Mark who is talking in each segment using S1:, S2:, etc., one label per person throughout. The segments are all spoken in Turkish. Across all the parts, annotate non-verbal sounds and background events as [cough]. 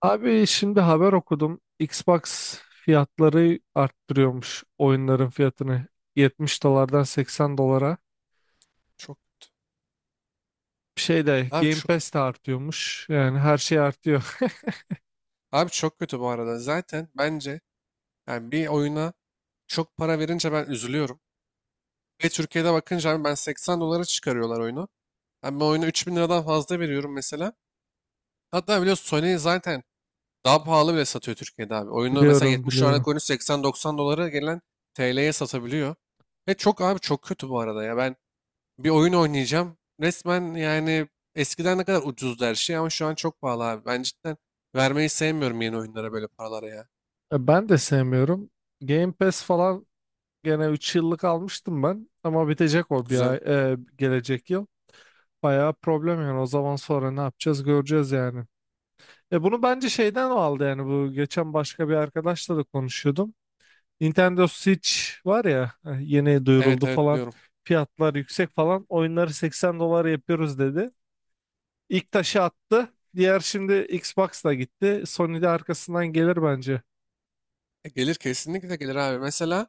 S1: Abi, şimdi haber okudum. Xbox fiyatları arttırıyormuş oyunların fiyatını. 70 dolardan 80 dolara.
S2: Çok kötü.
S1: Bir şey de
S2: Abi
S1: Game
S2: çok
S1: Pass de artıyormuş. Yani her şey artıyor.
S2: abi çok kötü bu arada. Zaten bence yani bir oyuna çok para verince ben üzülüyorum. Ve Türkiye'de bakınca abi, ben 80 dolara çıkarıyorlar oyunu. Ben bu oyunu 3.000 liradan fazla veriyorum mesela. Hatta biliyorsun, Sony zaten daha pahalı bile satıyor Türkiye'de abi.
S1: [laughs]
S2: Oyunu mesela,
S1: Biliyorum,
S2: 70 dolarlık
S1: biliyorum.
S2: oyunu 80-90 dolara gelen TL'ye satabiliyor. Ve çok abi, çok kötü bu arada ya. Ben bir oyun oynayacağım resmen, yani eskiden ne kadar ucuzdu her şey ama şu an çok pahalı abi. Ben cidden vermeyi sevmiyorum yeni oyunlara böyle paralara ya.
S1: E, ben de sevmiyorum. Game Pass falan gene 3 yıllık almıştım ben. Ama bitecek o bir
S2: Güzel.
S1: ay, gelecek yıl. Bayağı problem yani. O zaman sonra ne yapacağız, göreceğiz yani. E, bunu bence şeyden aldı yani, bu geçen başka bir arkadaşla da konuşuyordum. Nintendo Switch var ya, yeni
S2: Evet
S1: duyuruldu
S2: evet,
S1: falan.
S2: biliyorum.
S1: Fiyatlar yüksek falan. Oyunları 80 dolar yapıyoruz dedi. İlk taşı attı. Diğer şimdi Xbox'la gitti. Sony de arkasından gelir bence.
S2: Gelir kesinlikle, gelir abi. Mesela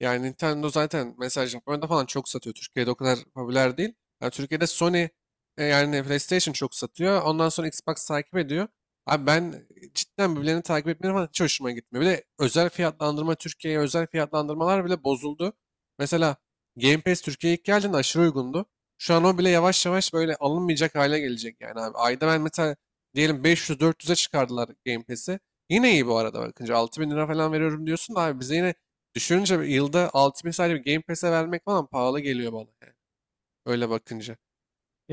S2: yani Nintendo zaten mesela Japonya'da falan çok satıyor. Türkiye'de o kadar popüler değil. Yani Türkiye'de Sony, yani PlayStation çok satıyor. Ondan sonra Xbox takip ediyor. Abi ben cidden birbirlerini takip etmeleri falan hiç hoşuma gitmiyor. Bir de özel fiyatlandırma, Türkiye'ye özel fiyatlandırmalar bile bozuldu. Mesela Game Pass Türkiye'ye ilk geldiğinde aşırı uygundu. Şu an o bile yavaş yavaş böyle alınmayacak hale gelecek yani abi. Ayda ben mesela diyelim 500-400'e çıkardılar Game Pass'i. Yine iyi bu arada, bakınca 6.000 lira falan veriyorum diyorsun da abi, bize yine düşününce yılda 6.000 sadece bir Game Pass'e vermek falan pahalı geliyor bana yani. Öyle bakınca.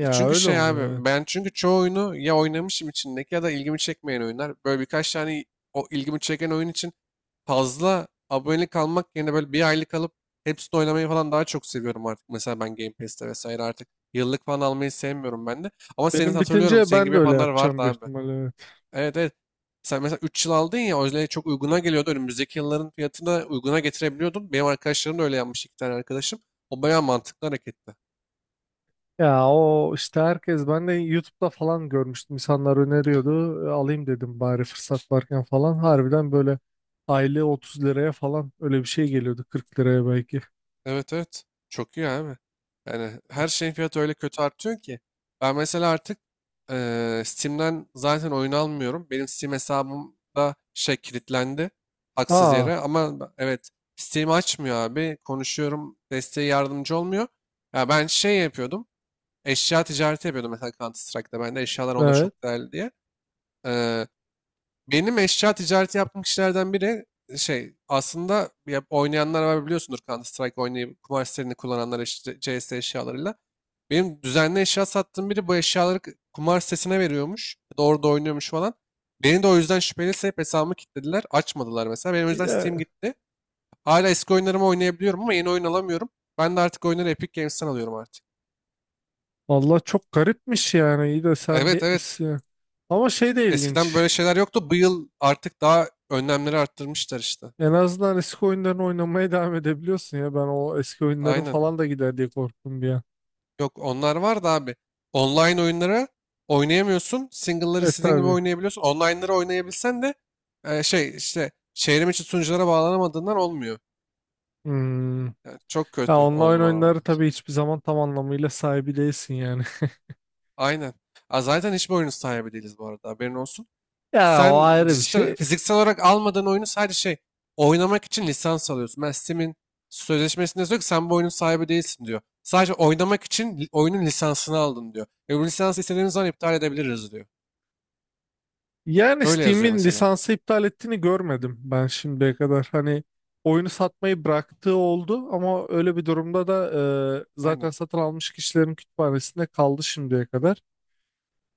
S2: Çünkü
S1: öyle
S2: şey
S1: oluyor,
S2: abi,
S1: evet.
S2: ben çünkü çoğu oyunu ya oynamışım içindeki ya da ilgimi çekmeyen oyunlar. Böyle birkaç tane o ilgimi çeken oyun için fazla abonelik almak yerine böyle bir aylık alıp hepsini oynamayı falan daha çok seviyorum artık. Mesela ben Game Pass'te vesaire artık yıllık falan almayı sevmiyorum ben de. Ama senin
S1: Benim
S2: hatırlıyorum,
S1: bitince
S2: senin
S1: ben
S2: gibi
S1: de öyle
S2: yapanlar vardı
S1: yapacağım büyük
S2: abi.
S1: ihtimalle, evet.
S2: Evet evet. Sen mesela 3 yıl aldın ya, o yüzden çok uyguna geliyordu. Önümüzdeki yılların fiyatını uyguna getirebiliyordun. Benim arkadaşlarım da öyle yapmış, iki tane arkadaşım. O bayağı mantıklı hareketti.
S1: Ya, o işte, herkes ben de YouTube'da falan görmüştüm. İnsanlar öneriyordu. E, alayım dedim bari fırsat varken falan. Harbiden böyle aylığı 30 liraya falan öyle bir şey geliyordu. 40 liraya belki.
S2: Evet evet. Çok iyi abi. Yani her şeyin fiyatı öyle kötü artıyor ki. Ben mesela artık Steam'den zaten oyun almıyorum. Benim Steam hesabım da şey, kilitlendi. Haksız
S1: Aa,
S2: yere ama evet, Steam açmıyor abi. Konuşuyorum, desteği yardımcı olmuyor. Ya ben şey yapıyordum. Eşya ticareti yapıyordum mesela, Counter Strike'da ben de eşyalar onda
S1: evet.
S2: çok değerli diye. Ee, benim eşya ticareti yaptığım kişilerden biri, şey aslında ya, oynayanlar var biliyorsundur Counter Strike oynayıp kumar sitelerini kullananlar CS eşyalarıyla. Benim düzenli eşya sattığım biri, bu eşyaları kumar sitesine veriyormuş. Doğru da oynuyormuş falan. Beni de o yüzden şüpheli sayıp hesabımı kilitlediler. Açmadılar mesela. Benim o yüzden
S1: Yine,
S2: Steam gitti. Hala eski oyunlarımı oynayabiliyorum ama yeni oyun alamıyorum. Ben de artık oyunları Epic Games'ten alıyorum artık.
S1: valla çok garipmiş yani. İyi de sen
S2: Evet
S1: diye...
S2: evet.
S1: Ama şey de
S2: Eskiden
S1: ilginç.
S2: böyle şeyler yoktu. Bu yıl artık daha önlemleri arttırmışlar işte.
S1: En azından eski oyunlarını oynamaya devam edebiliyorsun ya. Ben o eski oyunların
S2: Aynen.
S1: falan da gider diye korktum bir an.
S2: Yok onlar var da abi. Online oyunları oynayamıyorsun. Single'ları
S1: E
S2: istediğin gibi
S1: tabii.
S2: oynayabiliyorsun. Online'ları oynayabilsen de şey işte, çevrim içi sunuculara bağlanamadığından olmuyor.
S1: Hmm.
S2: Yani çok
S1: Ya,
S2: kötü oldu
S1: online
S2: bana
S1: oyunları
S2: vallahi
S1: tabii
S2: zaten.
S1: hiçbir zaman tam anlamıyla sahibi değilsin yani. [laughs]
S2: Aynen. Aa, zaten hiçbir oyunun sahibi değiliz bu arada. Haberin olsun.
S1: Ya, o
S2: Sen
S1: ayrı bir
S2: dijital,
S1: şey.
S2: fiziksel olarak almadığın oyunu sadece şey, oynamak için lisans alıyorsun. Ben Steam'in sözleşmesinde yazıyor ki sen bu oyunun sahibi değilsin diyor. Sadece oynamak için oyunun lisansını aldın diyor. Ve bu lisansı istediğimiz zaman iptal edebiliriz diyor.
S1: Yani
S2: Öyle yazıyor
S1: Steam'in
S2: mesela.
S1: lisansı iptal ettiğini görmedim ben şimdiye kadar. Hani, oyunu satmayı bıraktığı oldu, ama öyle bir durumda da zaten
S2: Aynen.
S1: satın almış kişilerin kütüphanesinde kaldı şimdiye kadar.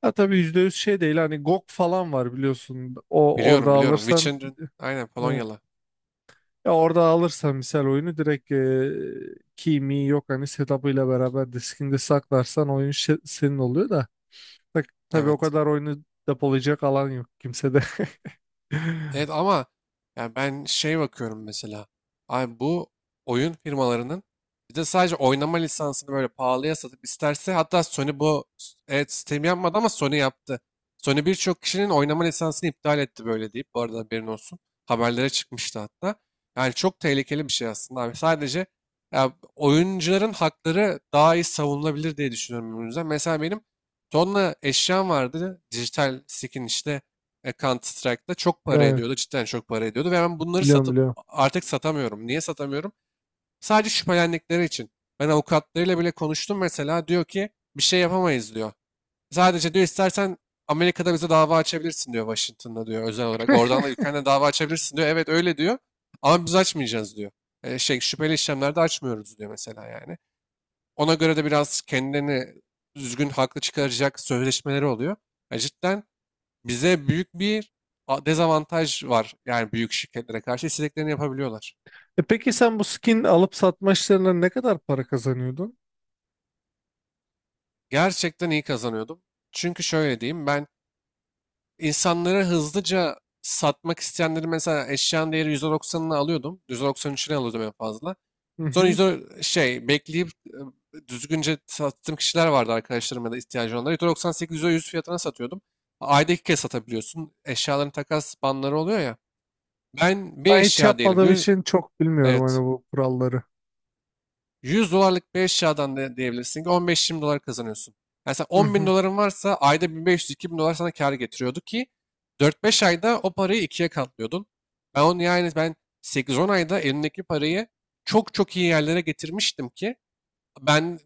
S1: Ha, tabii %100 şey değil, hani GOG falan var biliyorsun. O, orada
S2: Biliyorum biliyorum,
S1: alırsan
S2: Witcher'ın aynen,
S1: ne?
S2: Polonyalı.
S1: Ya, orada alırsan misal oyunu direkt key mi yok, hani setup'ıyla beraber diskinde saklarsan oyun senin oluyor da. Tak, tabii o
S2: Evet.
S1: kadar oyunu depolayacak alan yok kimsede. [laughs]
S2: Evet ama yani ben şey bakıyorum mesela. Abi bu oyun firmalarının bir de sadece oynama lisansını böyle pahalıya satıp isterse, hatta Sony bu, evet Steam yapmadı ama Sony yaptı. Sony birçok kişinin oynama lisansını iptal etti böyle deyip, bu arada haberin olsun. Haberlere çıkmıştı hatta. Yani çok tehlikeli bir şey aslında abi. Sadece ya, oyuncuların hakları daha iyi savunulabilir diye düşünüyorum bu yüzden. Mesela benim tonla eşyam vardı. Dijital skin işte, Counter Strike'da çok para
S1: Ne?
S2: ediyordu. Cidden çok para ediyordu. Ve ben bunları
S1: Biliyorum,
S2: satıp
S1: biliyorum.
S2: artık satamıyorum. Niye satamıyorum? Sadece şüphelendikleri için. Ben avukatlarıyla bile konuştum mesela. Diyor ki bir şey yapamayız diyor. Sadece diyor, istersen Amerika'da bize dava açabilirsin diyor, Washington'da diyor özel olarak. Oradan da ülkenden dava açabilirsin diyor. Evet, öyle diyor. Ama biz açmayacağız diyor. Şey, şüpheli işlemlerde açmıyoruz diyor mesela yani. Ona göre de biraz kendilerini düzgün haklı çıkaracak sözleşmeleri oluyor. Ya cidden bize büyük bir dezavantaj var. Yani büyük şirketlere karşı istediklerini yapabiliyorlar.
S1: E, peki sen bu skin alıp satma işlerinden ne kadar para kazanıyordun?
S2: Gerçekten iyi kazanıyordum. Çünkü şöyle diyeyim, ben insanlara hızlıca satmak isteyenleri mesela eşyanın değeri %90'ını alıyordum. %93'üne alıyordum en fazla.
S1: Hı
S2: Sonra
S1: hı.
S2: %10 şey bekleyip düzgünce sattığım kişiler vardı, arkadaşlarım ya da ihtiyacı olanlar. %98, %100 fiyatına satıyordum. Ayda iki kez satabiliyorsun. Eşyaların takas banları oluyor ya. Ben bir
S1: Ben hiç
S2: eşya diyelim
S1: yapmadığım için çok bilmiyorum
S2: Evet.
S1: hani bu kuralları.
S2: 100 dolarlık bir eşyadan da diyebilirsin ki 15-20 dolar kazanıyorsun. Yani sen
S1: Hı
S2: 10 bin
S1: hı.
S2: doların varsa ayda 1500-2000 dolar sana kar getiriyordu ki 4-5 ayda o parayı ikiye katlıyordun. Ben onu yani ben 8-10 ayda elimdeki parayı çok çok iyi yerlere getirmiştim ki ben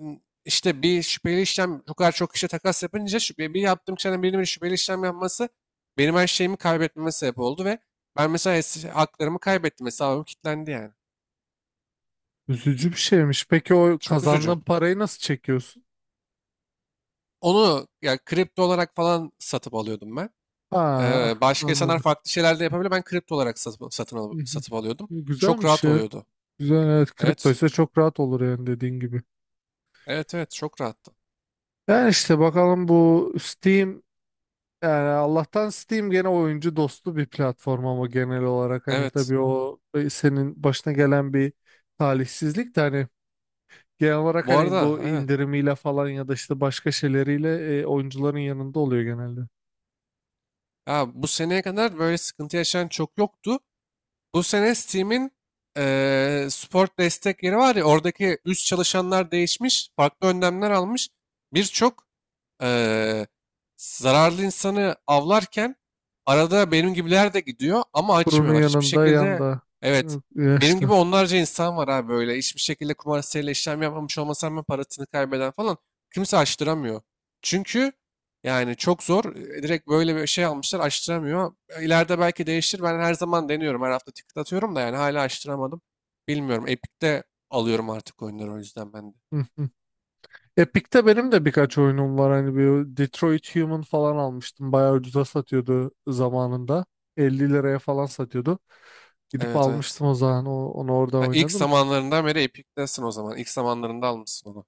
S2: işte, bir şüpheli işlem, bu kadar çok kişiye takas yapınca şüphe, bir yaptığım kişiden birinin bir şüpheli işlem yapması benim her şeyimi kaybetmeme sebep oldu ve ben mesela haklarımı kaybettim, hesabım kilitlendi yani.
S1: Üzücü bir şeymiş. Peki o
S2: Çok üzücü.
S1: kazandığın parayı nasıl çekiyorsun?
S2: Onu ya kripto olarak falan satıp alıyordum ben.
S1: Ha,
S2: Başka insanlar
S1: anladım.
S2: farklı şeyler de yapabiliyor. Ben kripto olarak satıp,
S1: Hı hı.
S2: satıp alıyordum.
S1: E,
S2: Çok
S1: güzelmiş
S2: rahat
S1: ya.
S2: oluyordu.
S1: Güzel, evet. Kripto
S2: Evet.
S1: ise çok rahat olur yani, dediğin gibi.
S2: Evet evet, çok rahattı.
S1: Yani işte bakalım, bu Steam, yani Allah'tan Steam gene oyuncu dostu bir platform, ama genel olarak hani,
S2: Evet.
S1: tabii o senin başına gelen bir talihsizlik de hani, genel olarak
S2: Bu arada
S1: hani bu
S2: aynen.
S1: indirimiyle falan ya da işte başka şeyleriyle oyuncuların yanında oluyor genelde.
S2: Ya bu seneye kadar böyle sıkıntı yaşayan çok yoktu. Bu sene Steam'in sport destek yeri var ya, oradaki üst çalışanlar değişmiş. Farklı önlemler almış. Birçok eee, zararlı insanı avlarken arada benim gibiler de gidiyor ama
S1: Kurunun
S2: açmıyorlar. Hiçbir
S1: yanında
S2: şekilde.
S1: yanda
S2: Evet, benim gibi
S1: yaşta.
S2: onlarca insan var abi, böyle hiçbir şekilde kumar siteyle işlem yapmamış olmasam ben, parasını kaybeden falan, kimse açtıramıyor. Çünkü yani çok zor. Direkt böyle bir şey almışlar, açtıramıyor. İleride belki değişir. Ben her zaman deniyorum. Her hafta ticket atıyorum da yani hala açtıramadım. Bilmiyorum. Epic'te alıyorum artık oyunları o yüzden ben de.
S1: Hı hı. Epic'te benim de birkaç oyunum var. Hani bir Detroit Human falan almıştım. Bayağı ucuza satıyordu zamanında. 50 liraya falan satıyordu. Gidip
S2: Evet evet.
S1: almıştım o zaman. Onu orada
S2: Ha, ilk
S1: oynadım.
S2: zamanlarından beri Epic'tesin o zaman. İlk zamanlarında almışsın onu.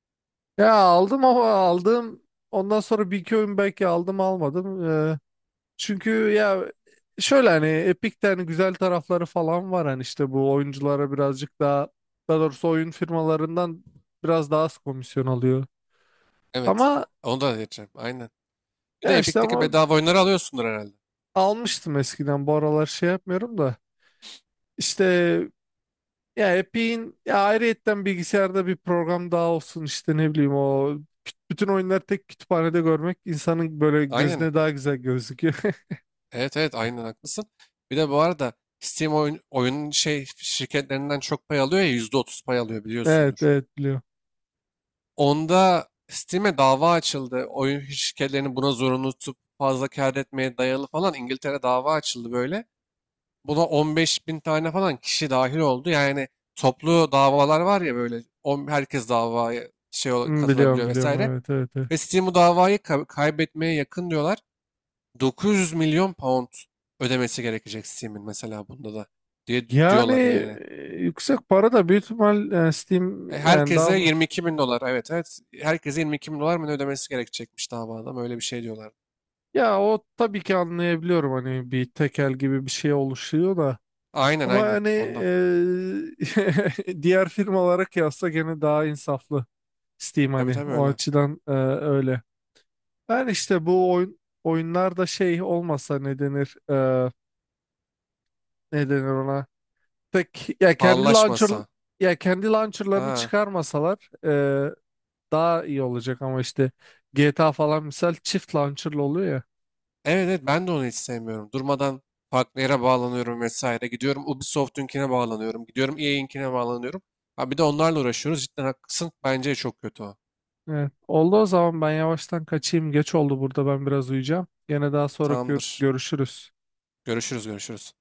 S1: Ya, aldım ama aldım. Ondan sonra bir iki oyun belki aldım, almadım. Çünkü ya, şöyle, hani Epic'te hani güzel tarafları falan var. Hani işte bu oyunculara birazcık daha, daha doğrusu oyun firmalarından biraz daha az komisyon alıyor.
S2: Evet.
S1: Ama,
S2: Onu da diyeceğim. Aynen. Bir
S1: ya
S2: de
S1: işte
S2: Epic'teki
S1: ama
S2: bedava oyunları alıyorsundur herhalde.
S1: almıştım eskiden, bu aralar şey yapmıyorum da işte, ya Epic'in ya ayrıyetten bilgisayarda bir program daha olsun, işte ne bileyim, o bütün oyunları tek kütüphanede görmek insanın böyle
S2: Aynen.
S1: gözüne daha güzel gözüküyor.
S2: Evet evet, aynen haklısın. Bir de bu arada Steam oyun, oyunun şey şirketlerinden çok pay alıyor ya, %30 pay alıyor
S1: [laughs] Evet
S2: biliyorsundur.
S1: evet, biliyorum.
S2: Onda Steam'e dava açıldı. Oyun şirketlerini buna zorunlu tutup fazla kâr etmeye dayalı falan, İngiltere dava açıldı böyle. Buna 15 bin tane falan kişi dahil oldu. Yani toplu davalar var ya, böyle herkes davaya şey
S1: Hmm, biliyorum,
S2: katılabiliyor
S1: biliyorum,
S2: vesaire.
S1: evet evet evet.
S2: Ve Steam bu davayı kaybetmeye yakın diyorlar. 900 milyon pound ödemesi gerekecek Steam'in mesela bunda da diye
S1: Yani
S2: diyorlar yani.
S1: yüksek para da büyük ihtimal, yani Steam yani daha,
S2: Herkese 22 bin dolar, evet evet herkese 22 bin dolar mı ne ödemesi gerekecekmiş davada, öyle bir şey diyorlar.
S1: ya o tabii ki anlayabiliyorum hani bir tekel gibi bir şey oluşuyor da.
S2: Aynen
S1: Ama
S2: aynen,
S1: hani,
S2: ondan.
S1: [laughs] diğer firmalara kıyasla gene daha insaflı Steam
S2: Tabii
S1: hani
S2: tabii,
S1: o
S2: öyle.
S1: açıdan, öyle. Ben işte bu oyun oyunlarda şey olmasa, ne denir ne denir ona? Tek ya kendi launcher,
S2: Pahalılaşmasa.
S1: ya kendi launcherlarını
S2: Ha.
S1: çıkarmasalar daha iyi olacak, ama işte GTA falan misal çift launcherlı oluyor ya.
S2: Evet evet, ben de onu hiç sevmiyorum. Durmadan farklı yere bağlanıyorum vesaire. Gidiyorum Ubisoft'unkine bağlanıyorum. Gidiyorum EA'inkine bağlanıyorum. Ha bir de onlarla uğraşıyoruz. Cidden haklısın. Bence çok kötü o.
S1: Evet. Oldu, o zaman ben yavaştan kaçayım. Geç oldu, burada ben biraz uyuyacağım. Gene daha sonra gör-
S2: Tamamdır.
S1: görüşürüz.
S2: Görüşürüz görüşürüz.